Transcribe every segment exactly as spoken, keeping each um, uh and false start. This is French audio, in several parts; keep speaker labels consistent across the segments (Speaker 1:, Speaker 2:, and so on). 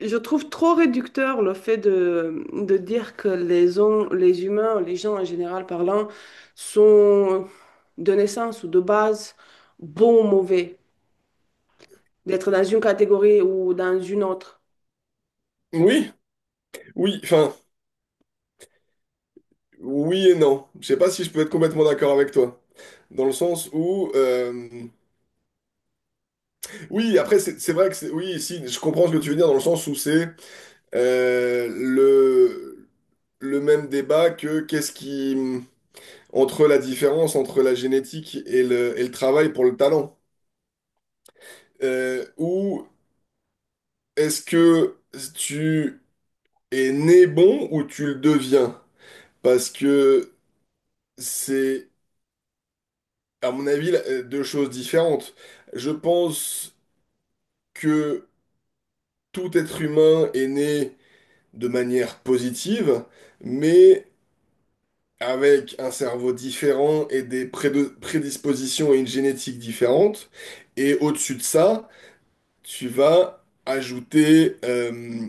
Speaker 1: Je trouve trop réducteur le fait de, de dire que les, hom- les humains, les gens en général parlant, sont de naissance ou de base bons ou mauvais, d'être dans une catégorie ou dans une autre.
Speaker 2: Oui, oui, enfin, oui et non. Je sais pas si je peux être complètement d'accord avec toi. Dans le sens où, euh, oui, après, c'est c'est vrai que c'est, oui, si, je comprends ce que tu veux dire, dans le sens où c'est euh, le, le même débat que qu'est-ce qui, entre la différence entre la génétique et le, et le travail pour le talent. Euh, ou est-ce que tu es né bon ou tu le deviens? Parce que c'est à mon avis, là, euh, deux choses différentes. Je pense que tout être humain est né de manière positive, mais avec un cerveau différent et des prédo- prédispositions et une génétique différente. Et au-dessus de ça, tu vas ajouter euh,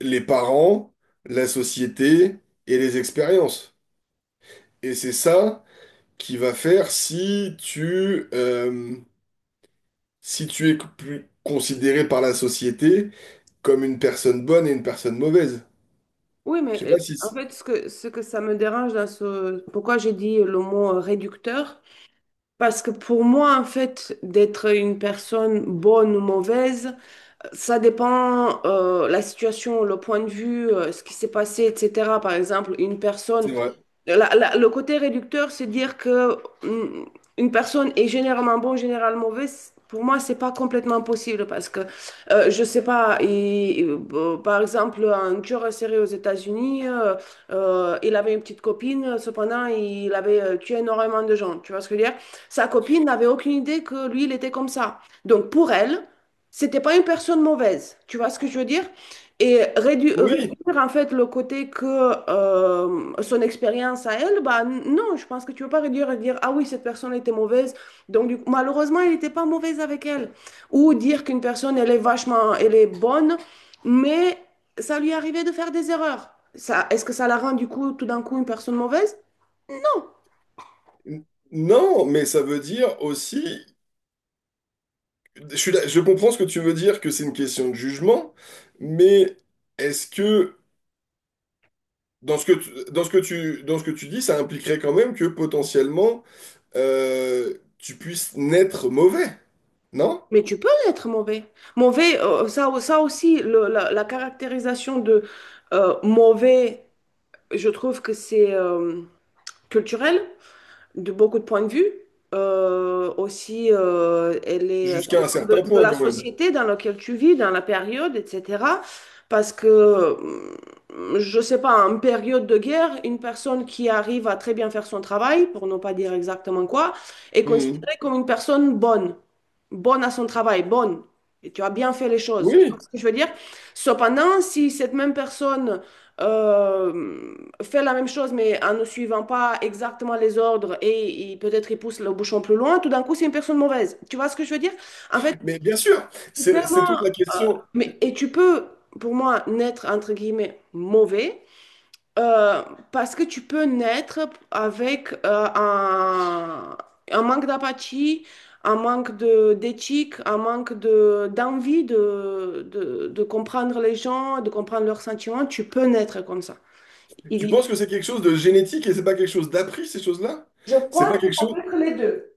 Speaker 2: les parents, la société et les expériences. Et c'est ça qui va faire si tu... euh, si tu es plus considéré par la société comme une personne bonne et une personne mauvaise.
Speaker 1: Oui,
Speaker 2: Je
Speaker 1: mais
Speaker 2: sais
Speaker 1: euh,
Speaker 2: pas si
Speaker 1: en
Speaker 2: c'est
Speaker 1: fait, ce que, ce que ça me dérange dans ce... Pourquoi j'ai dit le mot euh, réducteur? Parce que pour moi, en fait, d'être une personne bonne ou mauvaise, Ça dépend euh, la situation, le point de vue, euh, ce qui s'est passé, et cetera. Par exemple, une personne
Speaker 2: c'est vrai.
Speaker 1: la- la- le côté réducteur, c'est dire que mm, une personne est généralement bon, généralement mauvaise. Pour moi, c'est pas complètement possible parce que euh, je sais pas. il- euh, par exemple, un tueur en série aux États-Unis, euh, euh, il avait une petite copine. Cependant, il avait euh, tué énormément de gens. Tu vois ce que je veux dire? Sa copine n'avait aucune idée que lui, il était comme ça. Donc pour elle, c'était pas une personne mauvaise. Tu vois ce que je veux dire? Et rédu-
Speaker 2: Oui.
Speaker 1: réduire en fait le côté que euh, son expérience à elle, bah n- non, je pense que tu ne peux pas réduire et dire, ah oui, cette personne était mauvaise, donc du coup, malheureusement, elle n'était pas mauvaise avec elle. Ou dire qu'une personne, elle est vachement, elle est bonne, mais ça lui arrivait de faire des erreurs. Ça, est-ce que ça la rend du coup, tout d'un coup, une personne mauvaise? Non.
Speaker 2: N- Non, mais ça veut dire aussi, je suis là- je comprends ce que tu veux dire, que c'est une question de jugement, mais est-ce que dans ce que tu, dans ce que tu, dans ce que tu dis, ça impliquerait quand même que potentiellement euh, tu puisses naître mauvais, non?
Speaker 1: Mais tu peux être mauvais. Mauvais, euh, ça, ça aussi, le- la, la caractérisation de euh, mauvais, je trouve que c'est euh, culturel. de beaucoup de points de vue. Euh, aussi, euh, elle est, ça
Speaker 2: Jusqu'à un
Speaker 1: dépend
Speaker 2: certain
Speaker 1: de, de
Speaker 2: point
Speaker 1: la
Speaker 2: quand même.
Speaker 1: société dans laquelle tu vis, dans la période, et cetera. Parce que, euh, je sais pas, en période de guerre, une personne qui arrive à très bien faire son travail, pour ne pas dire exactement quoi, est
Speaker 2: Mhm.
Speaker 1: considérée comme une personne bonne, bonne à son travail, bonne. Et tu as bien fait les choses. Tu
Speaker 2: Oui,
Speaker 1: vois ce que je veux dire? Cependant, si cette même personne euh, fait la même chose, mais en ne suivant pas exactement les ordres et, et peut-être il pousse le bouchon plus loin, tout d'un coup, c'est une personne mauvaise. Tu vois ce que je veux dire? En fait,
Speaker 2: mais bien sûr,
Speaker 1: c'est
Speaker 2: c'est c'est toute
Speaker 1: tellement...
Speaker 2: la question.
Speaker 1: Mais, et tu peux, pour moi, naître, entre guillemets, mauvais, euh, parce que tu peux naître avec euh, un, un manque d'apathie, un manque de, d'éthique, un manque de, d'envie de, de, de comprendre les gens, de comprendre leurs sentiments. Tu peux naître comme ça.
Speaker 2: Tu
Speaker 1: Il,
Speaker 2: penses que c'est quelque chose de génétique et c'est pas quelque chose d'appris, ces choses-là?
Speaker 1: je
Speaker 2: C'est pas
Speaker 1: crois que
Speaker 2: quelque
Speaker 1: ça
Speaker 2: chose...
Speaker 1: peut être les deux.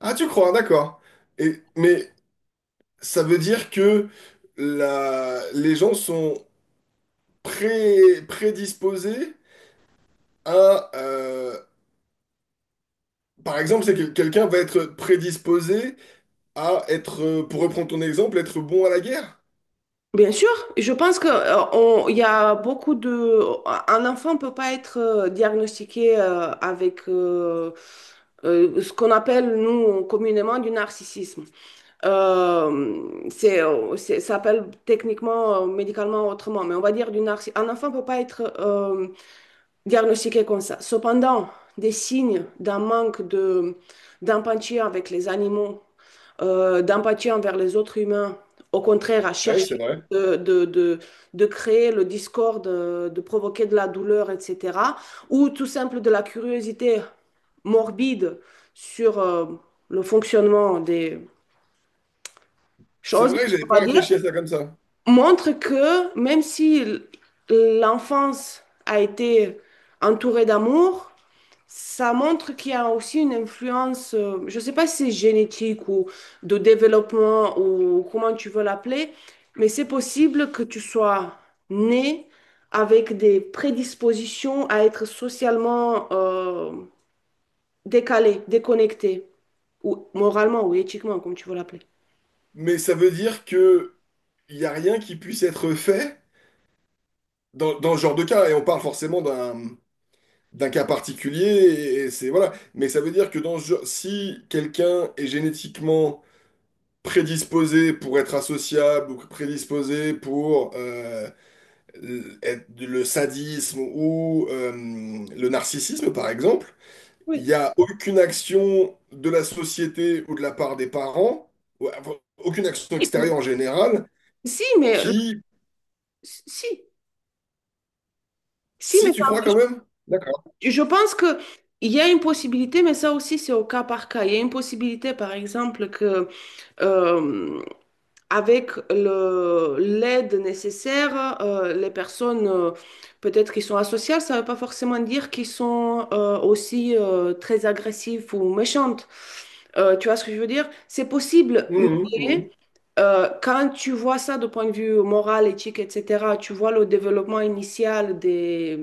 Speaker 2: Ah, tu crois, d'accord. Et, mais ça veut dire que la, les gens sont pré- prédisposés à... euh, par exemple, c'est que quelqu'un va être prédisposé à être, euh, pour reprendre ton exemple, être bon à la guerre.
Speaker 1: Bien sûr, je pense que euh, on- il y a beaucoup de un enfant ne peut pas être euh, diagnostiqué euh, avec euh, euh, ce qu'on appelle nous communément du narcissisme. Euh, c'est, euh, c'est- ça s'appelle techniquement, euh, médicalement autrement, mais on va dire du narciss- Un enfant ne peut pas être euh, diagnostiqué comme ça. Cependant, des signes d'un manque de, d'empathie avec les animaux euh, d'empathie envers les autres humains. Au contraire, à
Speaker 2: Oui, c'est
Speaker 1: chercher
Speaker 2: vrai.
Speaker 1: de, de, de, de créer le discorde, euh, de provoquer de la douleur, et cetera. Ou tout simple de la curiosité morbide sur euh, le fonctionnement des
Speaker 2: C'est
Speaker 1: choses,
Speaker 2: vrai, j'avais
Speaker 1: on va
Speaker 2: pas
Speaker 1: dire,
Speaker 2: réfléchi à ça comme ça.
Speaker 1: montre que même si l'enfance a été entourée d'amour, ça montre qu'il y a aussi une influence, euh, je ne sais pas si c'est génétique ou de développement ou comment tu veux l'appeler, mais c'est possible que tu sois né avec des prédispositions à être socialement euh, décalé, déconnecté, ou moralement ou éthiquement, comme tu veux l'appeler.
Speaker 2: Mais ça veut dire que il y a rien qui puisse être fait dans, dans ce genre de cas, et on parle forcément d'un d'un cas particulier, et, et c'est voilà. Mais ça veut dire que dans ce genre, si quelqu'un est génétiquement prédisposé pour être associable ou prédisposé pour euh, l- être- le sadisme ou euh, le narcissisme, par exemple, il
Speaker 1: Oui.
Speaker 2: n'y a aucune action de la société ou de la part des parents, ou- enfin, aucune action extérieure en général,
Speaker 1: Si, mais le-
Speaker 2: qui,
Speaker 1: si, si, mais
Speaker 2: si tu
Speaker 1: ça
Speaker 2: crois
Speaker 1: empêche-
Speaker 2: quand même, d'accord.
Speaker 1: je pense que il y a une possibilité, mais ça aussi c'est au cas par cas. Il y a une possibilité, par exemple, que euh, avec le- l'aide nécessaire, euh, les personnes euh, peut-être qui sont asociales, ça ne veut pas forcément dire qu'ils sont euh, aussi euh, très agressifs ou méchantes. Euh, tu vois ce que je veux dire? C'est possible,
Speaker 2: Mhm, mhm.
Speaker 1: mais euh, quand tu vois ça de point de vue moral, éthique, et cetera, tu vois le développement initial des,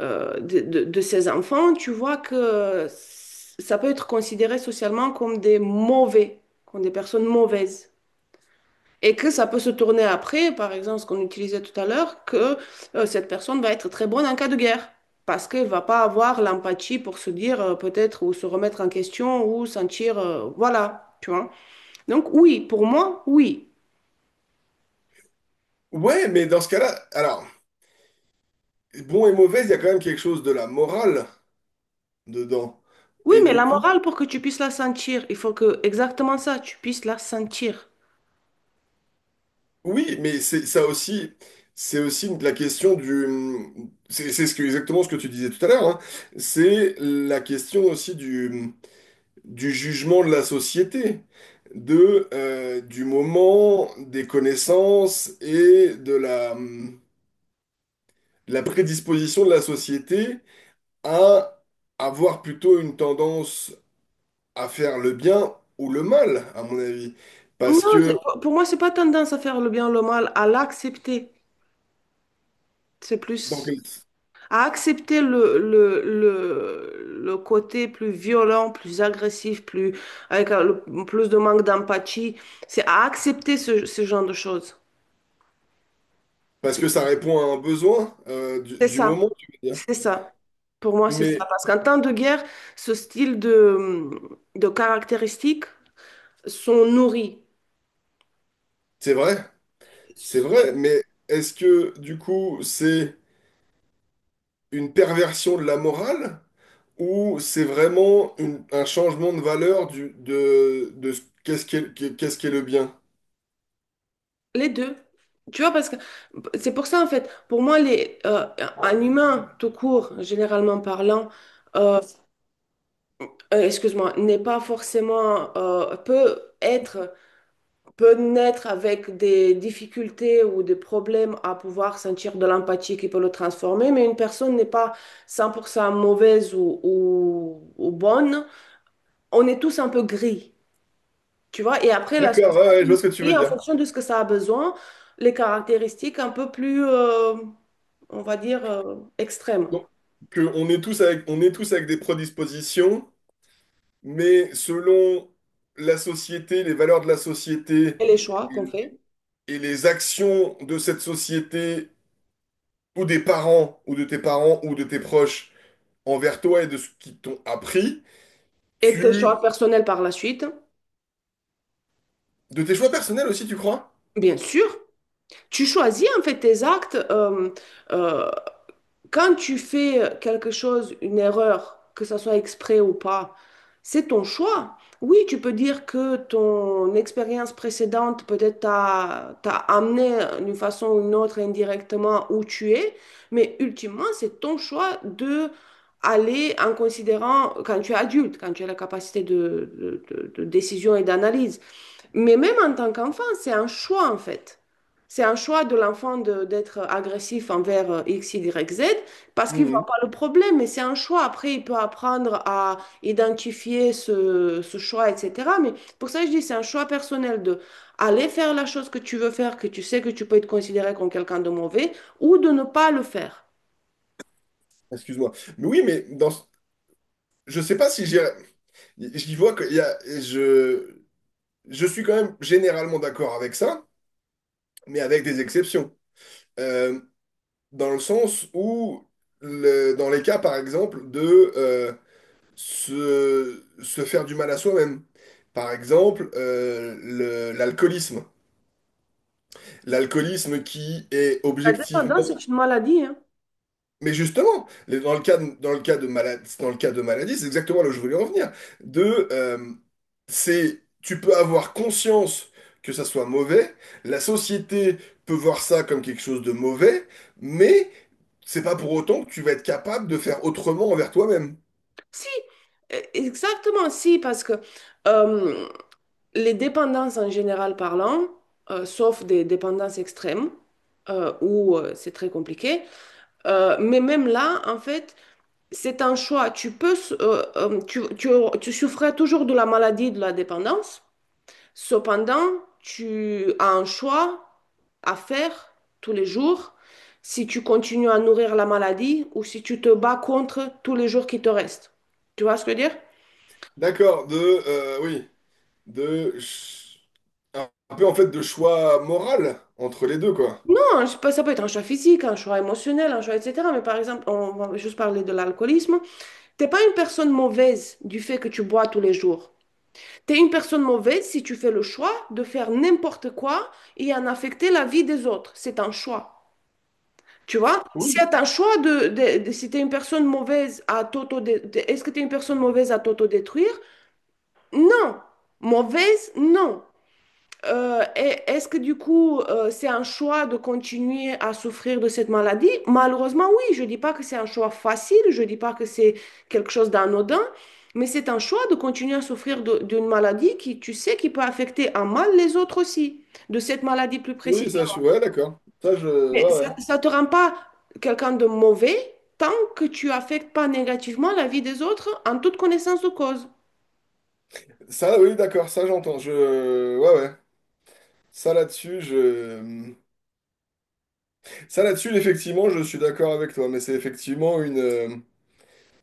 Speaker 1: euh, de, de- de ces enfants, tu vois que c- ça peut être considéré socialement comme des mauvais, comme des personnes mauvaises. Et que ça peut se tourner après, par exemple, ce qu'on utilisait tout à l'heure, que euh, cette personne va être très bonne en cas de guerre, parce qu'elle va pas avoir l'empathie pour se dire euh, peut-être ou se remettre en question ou sentir, euh, voilà, tu vois. Donc oui, pour moi, oui.
Speaker 2: Ouais, mais dans ce cas-là, alors. Bon et mauvais, il y a quand même quelque chose de la morale dedans.
Speaker 1: Oui,
Speaker 2: Et
Speaker 1: mais
Speaker 2: du
Speaker 1: la
Speaker 2: coup,
Speaker 1: morale, pour que tu puisses la sentir, il faut que exactement ça, tu puisses la sentir.
Speaker 2: oui, mais c'est ça aussi, c'est aussi une- la question du, c'est c'est ce que, exactement ce que tu disais tout à l'heure, hein. C'est la question aussi du, du jugement de la société, de, euh, du moment, des connaissances et de la, de la prédisposition de la société à avoir plutôt une tendance à faire le bien ou le mal, à mon avis. Parce
Speaker 1: Non, c'est-
Speaker 2: que,
Speaker 1: pour moi, c'est pas tendance à faire le bien ou le mal, à l'accepter. C'est
Speaker 2: donc,
Speaker 1: plus... à accepter le, le, le, le côté plus violent, plus agressif, plus, avec euh, le- plus de manque d'empathie. C'est à accepter ce, ce genre de choses.
Speaker 2: parce que ça répond à un besoin euh, du,
Speaker 1: C'est
Speaker 2: du
Speaker 1: ça,
Speaker 2: moment, tu veux dire.
Speaker 1: c'est ça. Pour moi, c'est ça.
Speaker 2: Mais
Speaker 1: Parce qu'en temps de guerre, ce style de, de caractéristiques sont nourris.
Speaker 2: c'est vrai, c'est vrai, mais est-ce que du coup c'est une perversion de la morale ou c'est vraiment une- un changement de valeur du, de, de ce- qu'est-ce qu'est, qu'est- qu'est-ce qu'est le bien?
Speaker 1: Les deux. Tu vois, parce que c'est pour ça, en fait, pour moi, les, euh, un humain, tout court, généralement parlant, euh, euh, excuse-moi, n'est pas forcément, euh, peut être, peut naître avec des difficultés ou des problèmes à pouvoir sentir de l'empathie qui peut le transformer, mais une personne n'est pas cent pour cent mauvaise ou, ou, ou bonne. On est tous un peu gris, tu vois, et après la
Speaker 2: D'accord, ouais, ouais, je vois ce que tu veux
Speaker 1: société, en
Speaker 2: dire.
Speaker 1: fonction de ce que ça a besoin, les caractéristiques un peu plus, euh, on va dire, euh, extrêmes.
Speaker 2: Donc, que on est tous avec, on est tous avec des prédispositions. Mais selon la société, les valeurs de la société
Speaker 1: Et les choix qu'on fait,
Speaker 2: et les actions de cette société ou des parents ou de tes parents ou de tes proches envers toi et de ce qu'ils t'ont appris,
Speaker 1: et tes
Speaker 2: tu...
Speaker 1: choix personnels par la suite,
Speaker 2: de tes choix personnels aussi, tu crois?
Speaker 1: bien sûr. Tu choisis en fait tes actes euh, euh, quand tu fais quelque chose, une erreur, que ça soit exprès ou pas, c'est ton choix. Oui, tu peux dire que ton expérience précédente peut-être t'a t'a amené d'une façon ou d'une autre indirectement où tu es, mais ultimement, c'est ton choix de aller en considérant quand tu es adulte, quand tu as la capacité de, de de- de décision et d'analyse. Mais même en tant qu'enfant, c'est un choix en fait. C'est un choix de l'enfant de- d'être agressif envers euh, X Y Z parce qu'il ne
Speaker 2: Mhm.
Speaker 1: voit pas le problème, mais c'est un choix. Après, il peut apprendre à identifier ce, ce choix, et cetera. Mais pour ça, je dis, c'est un choix personnel de aller faire la chose que tu veux faire, que tu sais que tu peux être considéré comme quelqu'un de mauvais, ou de ne pas le faire.
Speaker 2: Excuse-moi. Mais oui, mais dans... je sais pas si j'y j'y vois qu'il y a... Je... je suis quand même généralement d'accord avec ça, mais avec des exceptions. Euh, Dans le sens où, le- dans les cas, par exemple, de euh, se, se faire du mal à soi-même. Par exemple, euh, le- l'alcoolisme. L'alcoolisme qui est
Speaker 1: La dépendance,
Speaker 2: objectivement.
Speaker 1: c'est une maladie, hein.
Speaker 2: Mais justement, les- dans le cas de, dans le cas de maladie, dans le cas de maladie, c'est exactement là où je voulais en venir. De, euh, c'est, tu peux avoir conscience que ça soit mauvais, la société peut voir ça comme quelque chose de mauvais, mais c'est pas pour autant que tu vas être capable de faire autrement envers toi-même.
Speaker 1: Si, euh, exactement, si, parce que euh, Les dépendances en général parlant, euh, sauf des dépendances extrêmes, euh, où euh, c'est très compliqué, euh, mais même là, en fait, c'est un choix. Tu peux, euh, euh, tu, tu, tu souffrais toujours de la maladie de la dépendance, cependant, tu as un choix à faire tous les jours si tu continues à nourrir la maladie ou si tu te bats contre tous les jours qui te restent. Tu vois ce que je veux dire?
Speaker 2: D'accord, de, euh, oui, de, ch- un un peu en fait de choix moral entre les deux, quoi.
Speaker 1: Non, je sais pas, ça peut être un choix physique, un choix émotionnel, un choix, et cetera. Mais par exemple, on va juste parler de l'alcoolisme. T'es pas une personne mauvaise du fait que tu bois tous les jours. Tu es une personne mauvaise si tu fais le choix de faire n'importe quoi et en affecter la vie des autres. C'est un choix. Tu vois, si
Speaker 2: Oui,
Speaker 1: t'as un choix de, de, de- si t'es une personne mauvaise à t'auto, de- de- est-ce que t'es une personne mauvaise à t'autodétruire? Non. Mauvaise, non. Euh, et- est-ce que du coup, euh, c'est un choix de continuer à souffrir de cette maladie? Malheureusement, oui, je ne dis pas que c'est un choix facile, je ne dis pas que c'est quelque chose d'anodin, mais c'est un choix de continuer à souffrir de- d'une maladie qui, tu sais, qui peut affecter en mal les autres aussi, de cette maladie plus
Speaker 2: oui, ça, je suis,
Speaker 1: précisément.
Speaker 2: ouais, d'accord. Ça, je,
Speaker 1: Mais
Speaker 2: ouais,
Speaker 1: ça
Speaker 2: ouais.
Speaker 1: ne te rend pas quelqu'un de mauvais tant que tu affectes pas négativement la vie des autres en toute connaissance de cause.
Speaker 2: Ça, oui, d'accord, ça j'entends. Je... ouais, ouais. Ça là-dessus, je... Ça là-dessus, effectivement, je suis d'accord avec toi, mais c'est effectivement une... euh,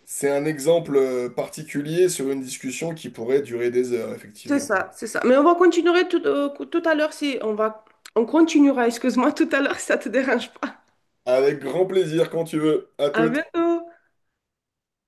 Speaker 2: c'est un exemple euh, particulier sur une discussion qui pourrait durer des heures,
Speaker 1: C'est
Speaker 2: effectivement.
Speaker 1: ça, c'est ça. Mais on va continuer tout, euh, tout à l'heure si on va on continuera, excuse-moi, tout à l'heure si ça te dérange pas.
Speaker 2: Avec grand plaisir, quand tu veux. À
Speaker 1: À
Speaker 2: toute.
Speaker 1: bientôt.